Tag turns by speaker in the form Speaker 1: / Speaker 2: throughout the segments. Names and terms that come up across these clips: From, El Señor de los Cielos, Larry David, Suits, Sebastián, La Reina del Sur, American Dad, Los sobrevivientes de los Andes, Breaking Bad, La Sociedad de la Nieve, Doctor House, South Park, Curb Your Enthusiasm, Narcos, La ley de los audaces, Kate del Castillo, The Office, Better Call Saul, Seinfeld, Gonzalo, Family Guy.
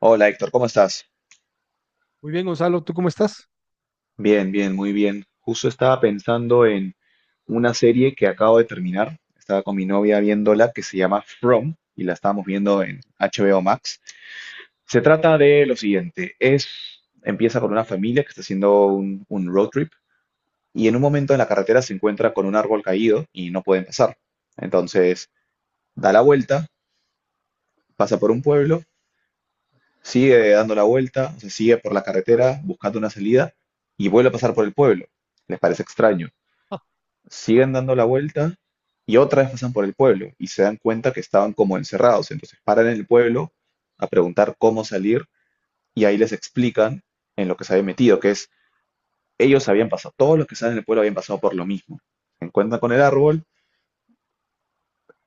Speaker 1: Hola Héctor, ¿cómo estás?
Speaker 2: Muy bien, Gonzalo, ¿tú cómo estás?
Speaker 1: Bien, bien, muy bien. Justo estaba pensando en una serie que acabo de terminar. Estaba con mi novia viéndola que se llama From y la estábamos viendo en HBO Max. Se trata de lo siguiente, empieza con una familia que está haciendo un road trip y en un momento en la carretera se encuentra con un árbol caído y no pueden pasar. Entonces da la vuelta, pasa por un pueblo. Sigue dando la vuelta, se sigue por la carretera buscando una salida y vuelve a pasar por el pueblo. Les parece extraño. Siguen dando la vuelta y otra vez pasan por el pueblo y se dan cuenta que estaban como encerrados. Entonces paran en el pueblo a preguntar cómo salir y ahí les explican en lo que se habían metido, que es ellos habían pasado, todos los que estaban en el pueblo habían pasado por lo mismo. Se encuentran con el árbol,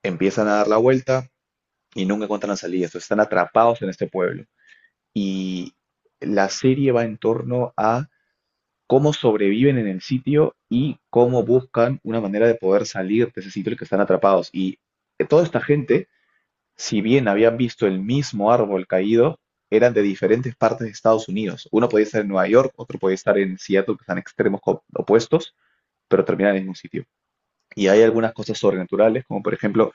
Speaker 1: empiezan a dar la vuelta y nunca encuentran la salida. Entonces están atrapados en este pueblo. Y la serie va en torno a cómo sobreviven en el sitio y cómo buscan una manera de poder salir de ese sitio en el que están atrapados. Y toda esta gente, si bien habían visto el mismo árbol caído, eran de diferentes partes de Estados Unidos. Uno podía estar en Nueva York, otro podía estar en Seattle, que están extremos opuestos, pero terminan en el mismo sitio. Y hay algunas cosas sobrenaturales, como por ejemplo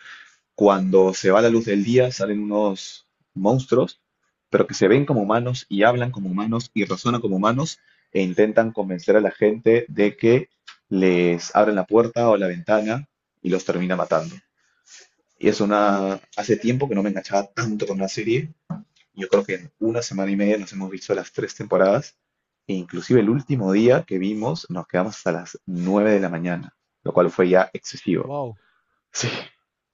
Speaker 1: cuando se va la luz del día, salen unos monstruos, pero que se ven como humanos y hablan como humanos y razonan como humanos e intentan convencer a la gente de que les abren la puerta o la ventana y los termina matando. Hace tiempo que no me enganchaba tanto con una serie. Yo creo que en una semana y media nos hemos visto las tres temporadas. E inclusive el último día que vimos nos quedamos hasta las 9 de la mañana, lo cual fue ya excesivo.
Speaker 2: Wow.
Speaker 1: Sí.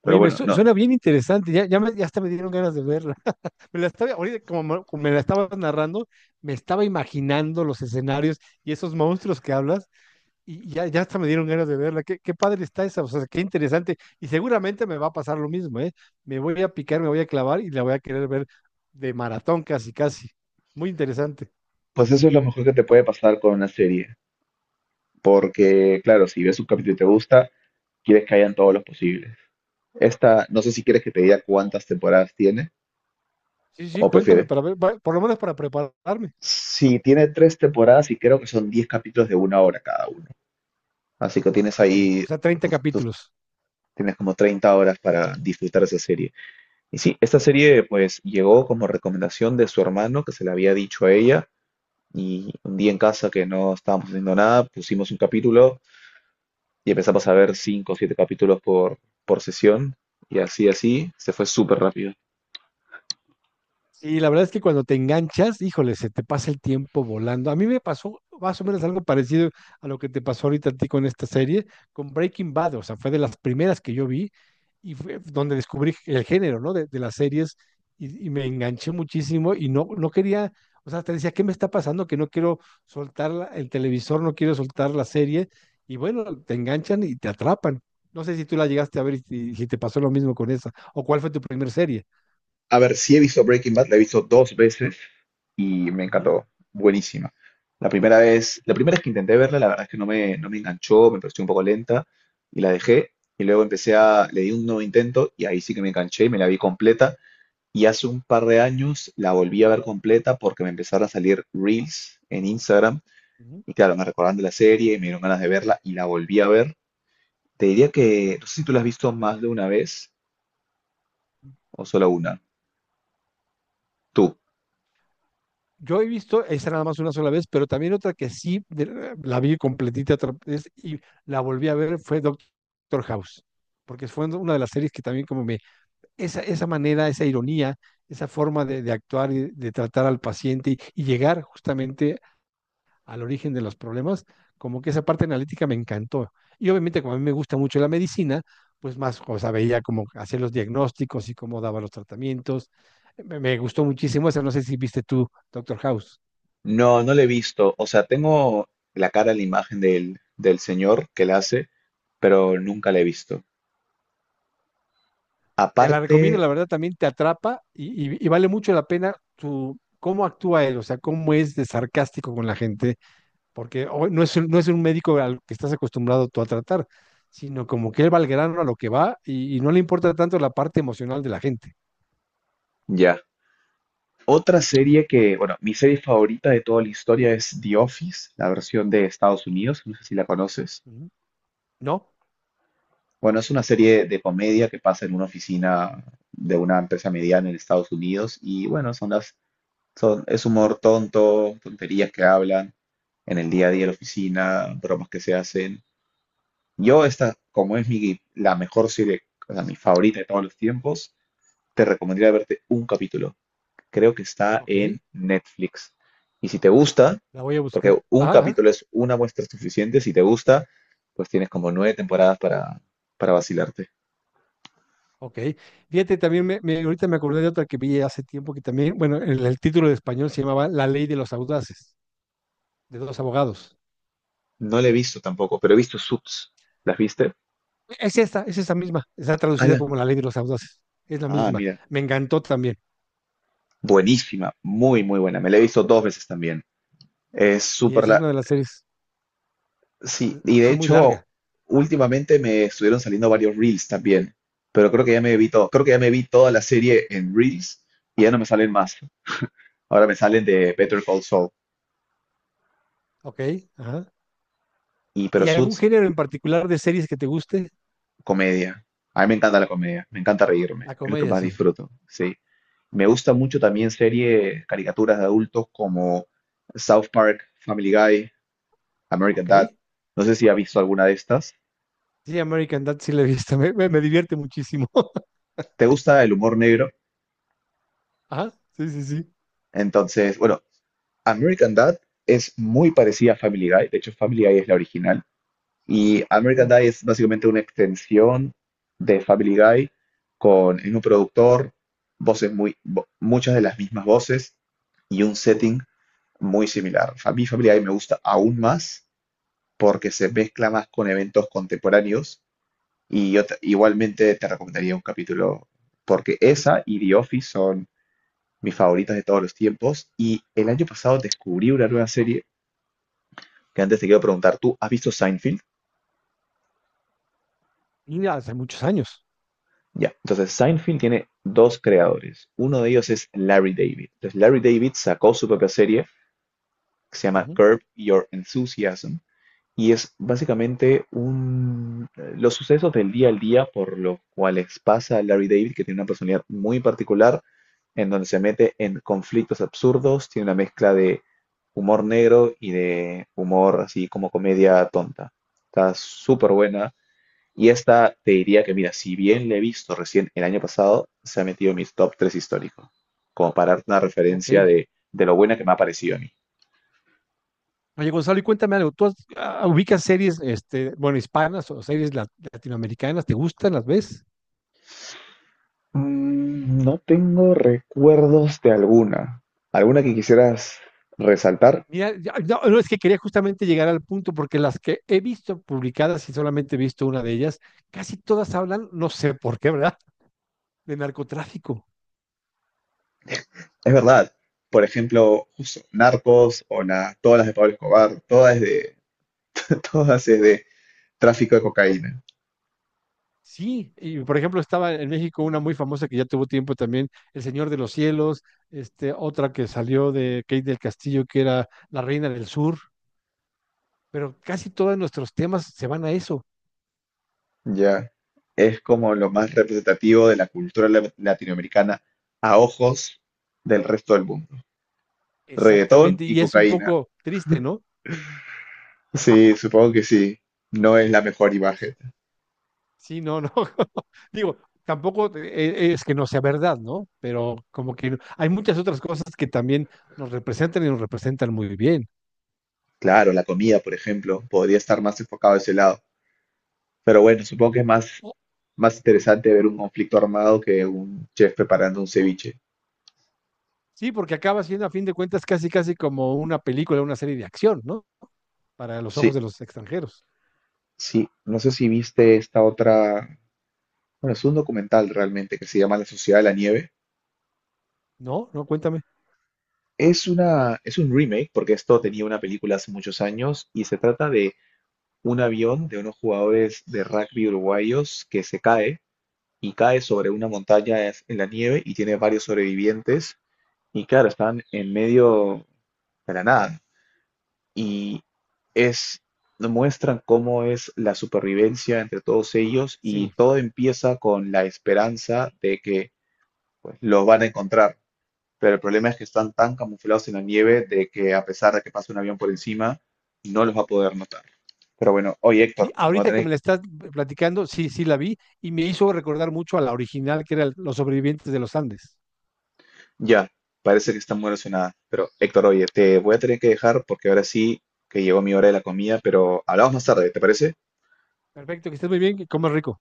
Speaker 1: Pero
Speaker 2: Oye, me
Speaker 1: bueno, no,
Speaker 2: suena bien interesante. Ya hasta me dieron ganas de verla. Me la estaba, ahorita como me la estabas narrando, me estaba imaginando los escenarios y esos monstruos que hablas, y ya, ya hasta me dieron ganas de verla. Qué padre está esa, o sea, qué interesante. Y seguramente me va a pasar lo mismo, ¿eh? Me voy a picar, me voy a clavar y la voy a querer ver de maratón casi, casi. Muy interesante.
Speaker 1: pues eso es lo mejor que te puede pasar con una serie, porque claro, si ves un capítulo y te gusta, quieres que hayan todos los posibles. Esta, no sé si quieres que te diga cuántas temporadas tiene
Speaker 2: Sí, sí,
Speaker 1: o
Speaker 2: cuéntame
Speaker 1: prefieres.
Speaker 2: para ver, por lo menos para prepararme.
Speaker 1: Si tiene tres temporadas y creo que son 10 capítulos de una hora cada uno. Así que tienes
Speaker 2: Ok,
Speaker 1: ahí,
Speaker 2: o sea, 30
Speaker 1: tú
Speaker 2: capítulos.
Speaker 1: tienes como 30 horas para disfrutar esa serie. Y sí, esta serie pues llegó como recomendación de su hermano que se le había dicho a ella y un día en casa que no estábamos haciendo nada, pusimos un capítulo y empezamos a ver cinco o siete capítulos por sesión y así, se fue súper rápido.
Speaker 2: Sí, la verdad es que cuando te enganchas, híjole, se te pasa el tiempo volando. A mí me pasó más o menos algo parecido a lo que te pasó ahorita a ti con esta serie, con Breaking Bad, o sea, fue de las primeras que yo vi y fue donde descubrí el género, ¿no? De las series y me enganché muchísimo y no, no quería, o sea, te decía, ¿qué me está pasando? Que no quiero soltar el televisor, no quiero soltar la serie y bueno, te enganchan y te atrapan. No sé si tú la llegaste a ver y si, si te pasó lo mismo con esa, o cuál fue tu primera serie.
Speaker 1: A ver, sí he visto Breaking Bad, la he visto dos veces y me
Speaker 2: Ujú,
Speaker 1: encantó, buenísima. La primera vez que intenté verla, la verdad es que no me enganchó, me pareció un poco lenta y la dejé. Y luego empecé a, le di un nuevo intento y ahí sí que me enganché y me la vi completa. Y hace un par de años la volví a ver completa porque me empezaron a salir reels en Instagram.
Speaker 2: ujú.
Speaker 1: Y claro, me recordaron de la serie, me dieron ganas de verla y la volví a ver. Te diría que, no sé si tú la has visto más de una vez o solo una. Tú.
Speaker 2: Yo he visto esa nada más una sola vez, pero también otra que sí la vi completita otra vez y la volví a ver fue Doctor House, porque fue una de las series que también como me, esa manera, esa ironía, esa forma de actuar y de tratar al paciente y llegar justamente al origen de los problemas, como que esa parte analítica me encantó. Y obviamente como a mí me gusta mucho la medicina, pues más, o sea, veía cómo hacía los diagnósticos y cómo daba los tratamientos. Me gustó muchísimo esa, no sé si viste tú, Doctor House.
Speaker 1: No, no la he visto. O sea, tengo la cara, la imagen del señor que la hace, pero nunca la he visto.
Speaker 2: Te la recomiendo,
Speaker 1: Aparte,
Speaker 2: la verdad también te atrapa y vale mucho la pena tu, cómo actúa él, o sea, cómo es de sarcástico con la gente, porque no es, no es un médico al que estás acostumbrado tú a tratar, sino como que él va al grano a lo que va y no le importa tanto la parte emocional de la gente.
Speaker 1: ya. Otra serie que, bueno, mi serie favorita de toda la historia es The Office, la versión de Estados Unidos, no sé si la conoces.
Speaker 2: Ujú. ¿No?
Speaker 1: Bueno, es una serie de comedia que pasa en una oficina de una empresa mediana en Estados Unidos y bueno, es humor tonto, tonterías que hablan en el día a día de la oficina, bromas que se hacen. Yo esta, como es mi, la mejor serie, o sea, mi favorita de todos los tiempos, te recomendaría verte un capítulo. Creo que está
Speaker 2: Ok,
Speaker 1: en Netflix. Y si te gusta,
Speaker 2: la voy a buscar.
Speaker 1: porque un
Speaker 2: Ajá, ajá,
Speaker 1: capítulo es una muestra suficiente, si te gusta, pues tienes como nueve temporadas para vacilarte.
Speaker 2: ok. Fíjate, también ahorita me acordé de otra que vi hace tiempo que también, bueno, el título de español se llamaba La ley de los audaces, de dos abogados.
Speaker 1: No la he visto tampoco, pero he visto Suits. ¿Las viste?
Speaker 2: Es esta misma. Está traducida
Speaker 1: Ala.
Speaker 2: como La Ley de los Audaces. Es la
Speaker 1: Ah,
Speaker 2: misma.
Speaker 1: mira.
Speaker 2: Me encantó también.
Speaker 1: Buenísima, muy, muy buena. Me la he visto dos veces también. Es
Speaker 2: Sí,
Speaker 1: súper
Speaker 2: esa es
Speaker 1: la...
Speaker 2: una de las series,
Speaker 1: Sí,
Speaker 2: l-
Speaker 1: y de
Speaker 2: sí, muy
Speaker 1: hecho,
Speaker 2: larga.
Speaker 1: últimamente me estuvieron saliendo varios Reels también, pero creo que ya me vi todo. Creo que ya me vi toda la serie en Reels y ya no me salen más. Ahora me salen de Better Call Saul.
Speaker 2: Ok, ajá.
Speaker 1: Y pero
Speaker 2: ¿Y algún
Speaker 1: Suits,
Speaker 2: género en particular de series que te guste?
Speaker 1: comedia. A mí me encanta la comedia, me encanta reírme,
Speaker 2: La
Speaker 1: es lo que
Speaker 2: comedia,
Speaker 1: más
Speaker 2: sí.
Speaker 1: disfruto, sí. Me gusta mucho también series, caricaturas de adultos como South Park, Family Guy, American
Speaker 2: Ok.
Speaker 1: Dad. No sé si ha visto alguna de estas.
Speaker 2: Sí, American Dad sí la he visto. Me divierte muchísimo.
Speaker 1: Te gusta el humor negro,
Speaker 2: Ajá, sí, sí, sí.
Speaker 1: entonces, bueno, American Dad es muy parecida a Family Guy, de hecho Family Guy es la original, y American
Speaker 2: Mm,
Speaker 1: Dad es básicamente una extensión de Family Guy con el mismo productor, voces muy, muchas de las mismas voces y un setting muy similar. A mí Family Guy me gusta aún más porque se mezcla más con eventos contemporáneos y yo igualmente te recomendaría un capítulo porque esa y The Office son mis favoritas de todos los tiempos. Y el año pasado descubrí una nueva serie que antes te quiero preguntar, ¿tú has visto Seinfeld?
Speaker 2: y hace muchos años.
Speaker 1: Ya, entonces Seinfeld tiene dos creadores. Uno de ellos es Larry David. Entonces Larry David sacó su propia serie que se llama
Speaker 2: Ujú,
Speaker 1: Curb Your Enthusiasm. Y es básicamente un, los sucesos del día al día por los cuales pasa Larry David, que tiene una personalidad muy particular, en donde se mete en conflictos absurdos, tiene una mezcla de humor negro y de humor así como comedia tonta. Está súper buena. Y esta te diría que, mira, si bien la he visto recién el año pasado, se ha metido en mis top 3 históricos, como para darte una referencia
Speaker 2: ok.
Speaker 1: de lo buena que me ha parecido a mí.
Speaker 2: Oye, Gonzalo, y cuéntame algo. ¿Tú ubicas series, este, bueno, hispanas o series latinoamericanas? ¿Te gustan? ¿Las ves?
Speaker 1: Mm, no tengo recuerdos de alguna. ¿Alguna que quisieras resaltar?
Speaker 2: Mira, no, no, es que quería justamente llegar al punto, porque las que he visto publicadas y solamente he visto una de ellas, casi todas hablan, no sé por qué, ¿verdad?, de narcotráfico.
Speaker 1: Es verdad. Por ejemplo, justo Narcos o todas las de Pablo Escobar, todas es de, todas es de tráfico de cocaína.
Speaker 2: Sí, y por ejemplo estaba en México una muy famosa que ya tuvo tiempo también, El Señor de los Cielos, este, otra que salió de Kate del Castillo, que era La Reina del Sur, pero casi todos nuestros temas se van a eso,
Speaker 1: Ya. Es como lo más representativo de la cultura latinoamericana a ojos del resto del mundo. Reggaetón
Speaker 2: exactamente,
Speaker 1: y
Speaker 2: y es un
Speaker 1: cocaína.
Speaker 2: poco triste, ¿no?
Speaker 1: Sí, supongo que sí. No es la mejor imagen.
Speaker 2: Sí, no, no. Digo, tampoco es que no sea verdad, ¿no? Pero como que hay muchas otras cosas que también nos representan y nos representan muy bien.
Speaker 1: Claro, la comida, por ejemplo, podría estar más enfocado a ese lado. Pero bueno, supongo que es más, más interesante ver un conflicto armado que un chef preparando un ceviche.
Speaker 2: Sí, porque acaba siendo a fin de cuentas casi, casi como una película, una serie de acción, ¿no? Para los
Speaker 1: Sí,
Speaker 2: ojos de los extranjeros.
Speaker 1: sí, no sé si viste esta otra, bueno, es un documental realmente que se llama La Sociedad de la Nieve.
Speaker 2: No, no, cuéntame.
Speaker 1: Es un remake porque esto tenía una película hace muchos años y se trata de un avión de unos jugadores de rugby uruguayos que se cae y cae sobre una montaña en la nieve y tiene varios sobrevivientes y claro, están en medio de la nada. y es, Muestran cómo es la supervivencia entre todos ellos y
Speaker 2: Sí,
Speaker 1: todo empieza con la esperanza de que pues, los van a encontrar. Pero el problema es que están tan camuflados en la nieve de que a pesar de que pase un avión por encima, no los va a poder notar. Pero bueno, oye
Speaker 2: sí,
Speaker 1: Héctor, me va a
Speaker 2: ahorita que
Speaker 1: tener
Speaker 2: me la
Speaker 1: que-
Speaker 2: estás platicando, sí, sí la vi y me hizo recordar mucho a la original que era Los sobrevivientes de los Andes.
Speaker 1: Ya, parece que está muy relacionada. Pero Héctor, oye, te voy a tener que dejar porque ahora sí que llegó mi hora de la comida, pero hablamos más tarde, ¿te parece?
Speaker 2: Perfecto, que estés muy bien, que comas rico.